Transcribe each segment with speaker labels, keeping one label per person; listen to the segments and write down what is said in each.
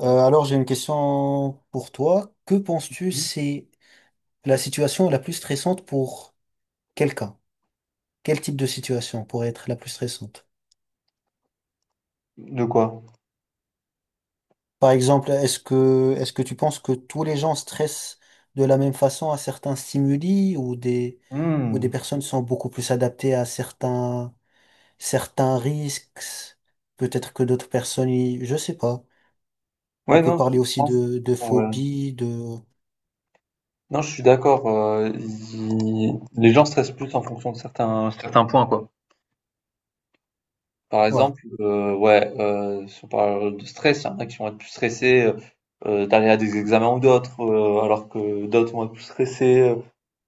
Speaker 1: Alors j'ai une question pour toi. Que penses-tu
Speaker 2: Mmh.
Speaker 1: c'est la situation la plus stressante pour quelqu'un? Quel type de situation pourrait être la plus stressante?
Speaker 2: De quoi?
Speaker 1: Par exemple, est-ce que tu penses que tous les gens stressent de la même façon à certains stimuli ou des
Speaker 2: Mmh.
Speaker 1: personnes sont beaucoup plus adaptées à certains risques? Peut-être que d'autres personnes, je sais pas. On
Speaker 2: Ouais,
Speaker 1: peut
Speaker 2: non, je
Speaker 1: parler
Speaker 2: je
Speaker 1: aussi
Speaker 2: pense.
Speaker 1: de
Speaker 2: Bon, ouais.
Speaker 1: phobie, de
Speaker 2: Non, je suis d'accord. Les gens stressent plus en fonction de certains points, quoi. Par
Speaker 1: ouais,
Speaker 2: exemple, ouais, si on parle de stress, il y en a qui vont être plus stressés d'aller à des examens ou d'autres, alors que d'autres vont être plus stressés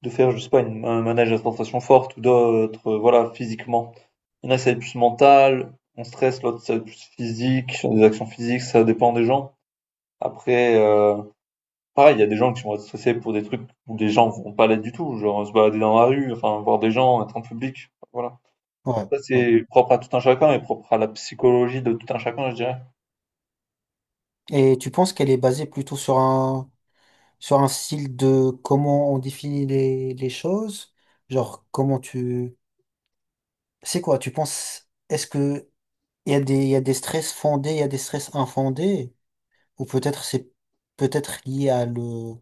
Speaker 2: de faire, je sais pas, un manège à tentation forte ou d'autres, voilà, physiquement. Il y en a, ça va être plus mental, on stresse, l'autre, ça va être plus physique, sur des actions physiques, ça dépend des gens. Après, pareil, il y a des gens qui vont être stressés pour des trucs où les gens vont pas l'être du tout, genre se balader dans la rue, enfin voir des gens, être en public, voilà.
Speaker 1: ouais,
Speaker 2: Ça,
Speaker 1: ouais.
Speaker 2: c'est propre à tout un chacun et propre à la psychologie de tout un chacun, je dirais.
Speaker 1: Et tu penses qu'elle est basée plutôt sur un sur un style de comment on définit les choses, genre comment tu... C'est quoi, tu penses, est-ce que il y a il y a des stress fondés, il y a des stress infondés, ou peut-être c'est peut-être lié à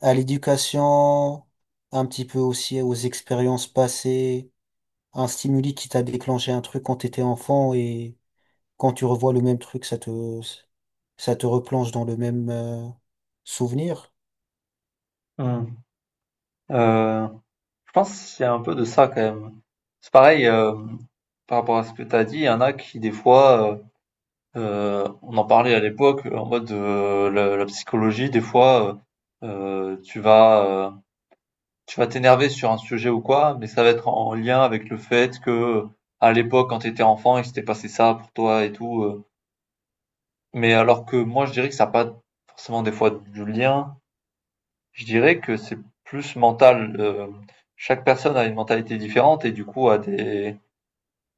Speaker 1: à l'éducation, un petit peu aussi aux expériences passées, un stimuli qui t'a déclenché un truc quand t'étais enfant et quand tu revois le même truc, ça te replonge dans le même souvenir
Speaker 2: Hmm. Euh, je pense qu'il y a un peu de ça quand même. C'est pareil, par rapport à ce que tu as dit, il y en a qui, des fois, on en parlait à l'époque, en mode la psychologie, des fois, euh, euh, tu vas, euh, tu vas t'énerver sur un sujet ou quoi, mais ça va être en lien avec le fait que, à l'époque, quand tu étais enfant, il s'était passé ça pour toi et tout. Mais alors que moi, je dirais que ça n'a pas forcément des fois du lien. Je dirais que c'est plus mental. Chaque personne a une mentalité différente et du coup a des,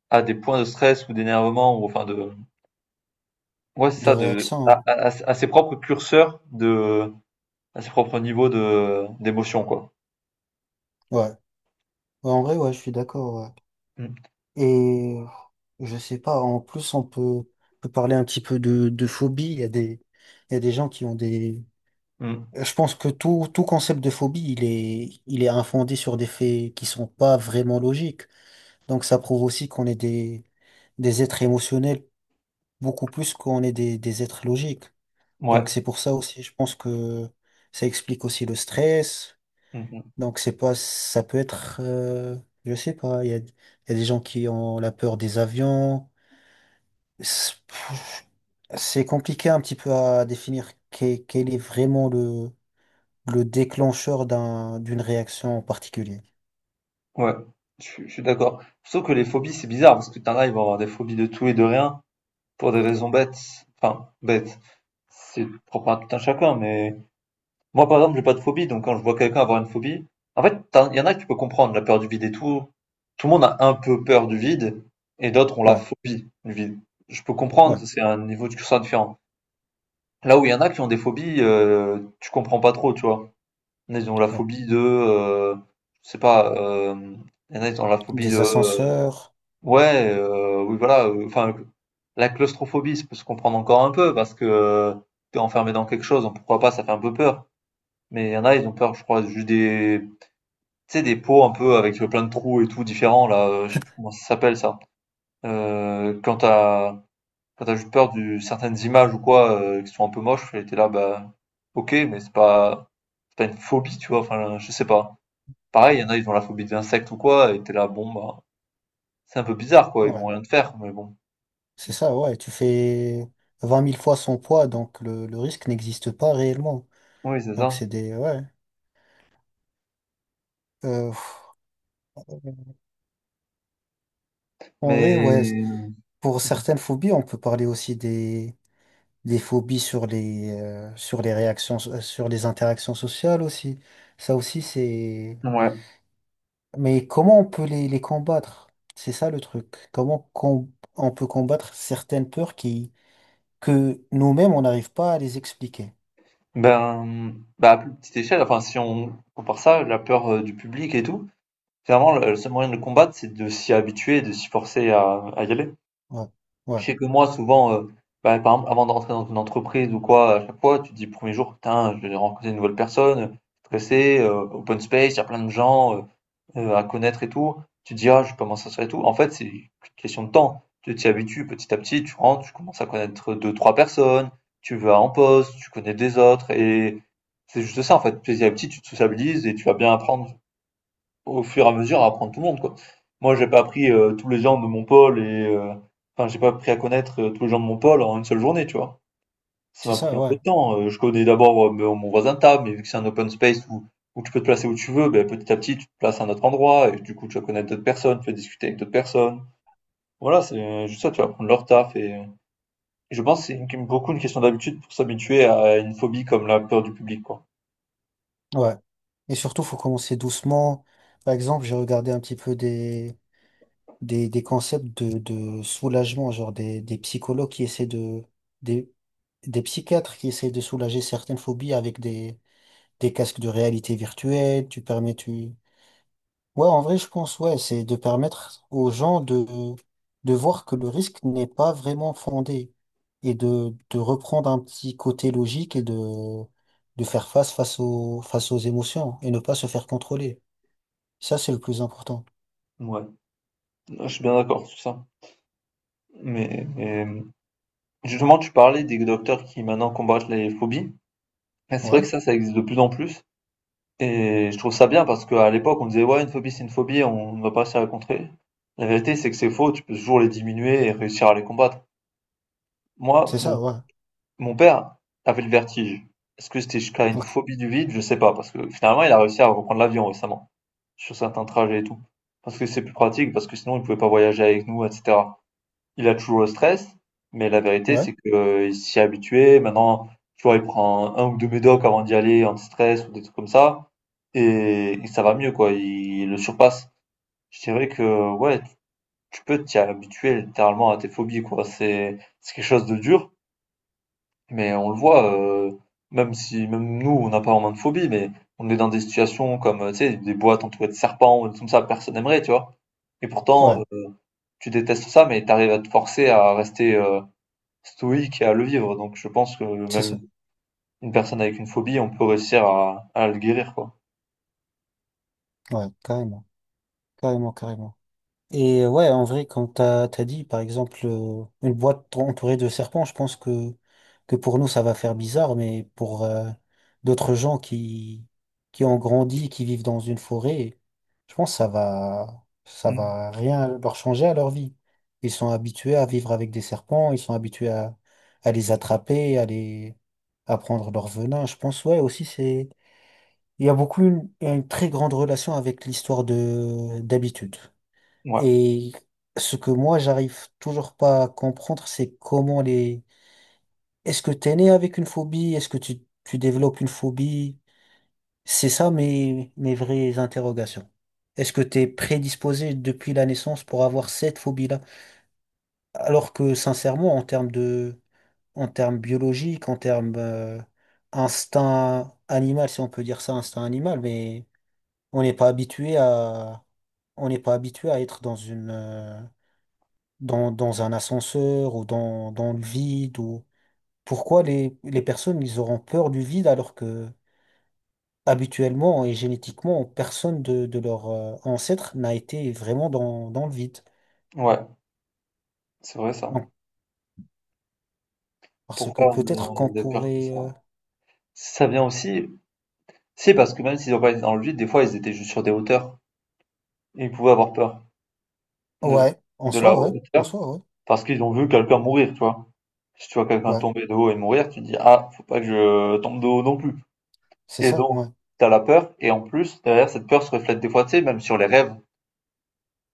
Speaker 2: a des points de stress ou d'énervement ou enfin de, ouais, c'est
Speaker 1: de
Speaker 2: ça,
Speaker 1: réaction, hein.
Speaker 2: à ses propres curseurs de, à ses propres niveaux de, d'émotion, quoi.
Speaker 1: Ouais. Ouais, en vrai, ouais, je suis d'accord, ouais.
Speaker 2: Mm.
Speaker 1: Et je sais pas, en plus, on peut parler un petit peu de phobie. Il y a il y a des gens qui ont des.
Speaker 2: Mm.
Speaker 1: Je pense que tout concept de phobie, il est infondé sur des faits qui sont pas vraiment logiques. Donc, ça prouve aussi qu'on est des êtres émotionnels beaucoup plus qu'on est des êtres logiques. Donc,
Speaker 2: Ouais.
Speaker 1: c'est pour ça aussi, je pense que ça explique aussi le stress.
Speaker 2: Mhm.
Speaker 1: Donc c'est pas, ça peut être, je sais pas, il y a des gens qui ont la peur des avions. C'est c'est compliqué un petit peu à définir quel est vraiment le déclencheur d'un, d'une réaction en particulier.
Speaker 2: Ouais, je suis d'accord. Sauf que les phobies, c'est bizarre, parce que t'en as, ils vont avoir des phobies de tout et de rien, pour des raisons bêtes. Enfin, bêtes. C'est propre à tout un chacun, mais moi, par exemple, j'ai pas de phobie, donc quand je vois quelqu'un avoir une phobie, en fait, il y en a que tu peux comprendre, la peur du vide et tout. Tout le monde a un peu peur du vide, et d'autres ont la
Speaker 1: Ouais,
Speaker 2: phobie du vide. Je peux comprendre,
Speaker 1: ouais,
Speaker 2: c'est un niveau de ça différent. Là où il y en a qui ont des phobies, tu comprends pas trop, tu vois. Ils ont la
Speaker 1: ouais.
Speaker 2: phobie de, je sais pas, il y en a qui ont la phobie
Speaker 1: Des
Speaker 2: de.
Speaker 1: ascenseurs,
Speaker 2: Ouais, oui voilà, enfin, la claustrophobie, ça peut se comprendre encore un peu parce que, tu enfermé dans quelque chose, donc pourquoi pas, ça fait un peu peur. Mais il y en a, ils ont peur, je crois, juste des, tu sais, des pots un peu avec, plein de trous et tout différents là, je sais plus comment ça s'appelle ça. Quand t'as juste peur de certaines images ou quoi, qui sont un peu moches et tu là, bah, OK, mais c'est pas une phobie, tu vois? Enfin, je sais pas. Pareil, il y en a, ils ont la phobie des insectes ou quoi et t'es là, bon, bah, c'est un peu bizarre quoi, ils vont
Speaker 1: ouais,
Speaker 2: rien te faire, mais bon.
Speaker 1: c'est ça, ouais. Tu fais 20 000 fois son poids, donc le risque n'existe pas réellement.
Speaker 2: Oui, c'est
Speaker 1: Donc
Speaker 2: ça.
Speaker 1: c'est des, ouais. Euh, pff, en vrai, ouais,
Speaker 2: Mais
Speaker 1: pour certaines phobies, on peut parler aussi des phobies sur sur les sur les interactions sociales aussi. Ça aussi, c'est...
Speaker 2: ouais,
Speaker 1: Mais comment on peut les combattre? C'est ça le truc. On peut combattre certaines peurs que nous-mêmes, on n'arrive pas à les expliquer.
Speaker 2: ben, bah, à plus petite échelle, enfin, si on compare ça, la peur du public et tout, finalement, le seul moyen de le combattre, c'est de s'y habituer, et de s'y forcer à y aller.
Speaker 1: Ouais, ouais,
Speaker 2: Je sais que moi, souvent, bah, par exemple, avant d'entrer dans une entreprise ou quoi, à chaque fois, tu te dis, premier jour, putain, je vais rencontrer une nouvelle personne, stressé, open space, il y a plein de gens, à connaître et tout. Tu te dis, ah, je peux m'en sortir et tout. En fait, c'est une question de temps. Tu t'y habitues petit à petit, tu rentres, tu commences à connaître deux, trois personnes, tu vas en poste, tu connais des autres et c'est juste ça en fait. Petit à petit, tu te sociabilises et tu vas bien apprendre au fur et à mesure à apprendre tout le monde quoi. Moi, j'ai pas appris tous les gens de mon pôle et enfin, j'ai pas appris à connaître tous les gens de mon pôle en une seule journée, tu vois. Ça
Speaker 1: c'est
Speaker 2: m'a
Speaker 1: ça,
Speaker 2: pris un
Speaker 1: ouais,
Speaker 2: peu de temps. Je connais d'abord, mon voisin de table, mais vu que c'est un open space où tu peux te placer où tu veux, beh, petit à petit, tu te places à un autre endroit et du coup, tu vas connaître d'autres personnes, tu vas discuter avec d'autres personnes. Voilà, c'est juste ça, tu vas prendre leur taf et je pense que c'est une beaucoup une question d'habitude pour s'habituer à une phobie comme la peur du public, quoi.
Speaker 1: ouais. Et surtout, faut commencer doucement. Par exemple, j'ai regardé un petit peu des concepts de soulagement, genre des psychologues qui essaient de, des- des psychiatres qui essayent de soulager certaines phobies avec des casques de réalité virtuelle, tu permets, tu... Ouais, en vrai, je pense, ouais, c'est de permettre aux gens de voir que le risque n'est pas vraiment fondé et de reprendre un petit côté logique et de faire face face aux émotions et ne pas se faire contrôler. Ça, c'est le plus important.
Speaker 2: Ouais, je suis bien d'accord sur ça. Mais, justement, tu parlais des docteurs qui maintenant combattent les phobies. Bah, c'est vrai
Speaker 1: Ouais,
Speaker 2: que ça existe de plus en plus. Et je trouve ça bien parce qu'à l'époque, on disait, ouais, une phobie, c'est une phobie, on ne va pas réussir à la contrer. La vérité, c'est que c'est faux, tu peux toujours les diminuer et réussir à les combattre. Moi,
Speaker 1: c'est ça,
Speaker 2: mon,
Speaker 1: ouais.
Speaker 2: mon père avait le vertige. Est-ce que c'était jusqu'à une
Speaker 1: Ok.
Speaker 2: phobie du vide? Je sais pas, parce que finalement, il a réussi à reprendre l'avion récemment, sur certains trajets et tout. Parce que c'est plus pratique, parce que sinon, il pouvait pas voyager avec nous, etc. Il a toujours le stress, mais la vérité,
Speaker 1: Ouais,
Speaker 2: c'est que, il s'y est habitué. Maintenant, tu vois, il prend un ou deux médocs avant d'y aller, anti-stress ou des trucs comme ça et ça va mieux quoi, il le surpasse. C'est vrai que ouais, tu peux t'y habituer littéralement à tes phobies quoi, c'est quelque chose de dur, mais on le voit, même si même nous on n'a pas vraiment de phobie, mais on est dans des situations comme, tu sais, des boîtes entourées de serpents ou des trucs comme ça, personne n'aimerait tu vois? Et
Speaker 1: ouais,
Speaker 2: pourtant, tu détestes ça, mais tu arrives à te forcer à rester, stoïque et à le vivre, donc je pense que
Speaker 1: c'est ça.
Speaker 2: même une personne avec une phobie, on peut réussir à le guérir quoi.
Speaker 1: Ouais, carrément, carrément, carrément. Et ouais, en vrai, t'as dit, par exemple, une boîte entourée de serpents, je pense que pour nous, ça va faire bizarre, mais pour d'autres gens qui ont grandi, qui vivent dans une forêt, je pense que ça
Speaker 2: Mmh.
Speaker 1: va rien leur changer à leur vie. Ils sont habitués à vivre avec des serpents, ils sont habitués à les attraper, à prendre leur venin. Je pense, ouais, aussi, c'est, il y a beaucoup une très grande relation avec l'histoire de, d'habitude.
Speaker 2: Ouais,
Speaker 1: Et ce que moi, j'arrive toujours pas à comprendre, c'est comment les... Est-ce que t'es né avec une phobie? Est-ce que tu développes une phobie? C'est ça mes vraies interrogations. Est-ce que t'es prédisposé depuis la naissance pour avoir cette phobie-là? Alors que, sincèrement, en termes de, en termes biologiques, en termes, instinct animal, si on peut dire ça, instinct animal, mais on n'est pas habitué à, on n'est pas habitué à être dans une, dans un ascenseur ou dans le vide ou pourquoi les personnes ils auront peur du vide alors que habituellement et génétiquement personne de leurs ancêtres n'a été vraiment dans le vide.
Speaker 2: ouais, c'est vrai ça.
Speaker 1: Donc, parce que
Speaker 2: Pourquoi on a,
Speaker 1: peut-être
Speaker 2: on
Speaker 1: qu'on
Speaker 2: a des peurs comme ça?
Speaker 1: pourrait
Speaker 2: Ça vient aussi, c'est parce que même s'ils n'ont pas été dans le vide, des fois ils étaient juste sur des hauteurs. Et ils pouvaient avoir peur de,
Speaker 1: ouais, en
Speaker 2: de la
Speaker 1: soi ouais, en
Speaker 2: hauteur
Speaker 1: soi ouais.
Speaker 2: parce qu'ils ont vu quelqu'un mourir, tu vois. Si tu vois quelqu'un
Speaker 1: Ouais,
Speaker 2: tomber de haut et mourir, tu te dis, ah, faut pas que je tombe de haut non plus.
Speaker 1: c'est
Speaker 2: Et
Speaker 1: ça,
Speaker 2: donc,
Speaker 1: ouais.
Speaker 2: t'as la peur, et en plus, derrière cette peur se reflète des fois, tu sais, même sur les rêves.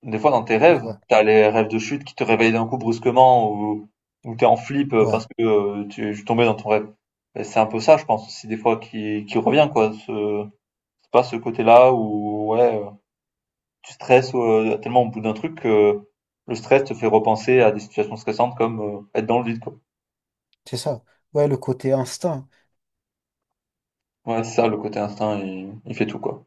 Speaker 2: Des fois, dans tes rêves,
Speaker 1: Ouais.
Speaker 2: t'as les rêves de chute qui te réveillent d'un coup brusquement, ou t'es en flip
Speaker 1: Ouais,
Speaker 2: parce que tu es tombé dans ton rêve. Et c'est un peu ça, je pense, aussi, des fois, qui revient, quoi. C'est pas ce côté-là où, ouais, tu stresses tellement au bout d'un truc que le stress te fait repenser à des situations stressantes comme être dans le vide, quoi.
Speaker 1: c'est ça. Ouais, le côté instinct.
Speaker 2: Ouais, c'est ça, le côté instinct, il fait tout, quoi.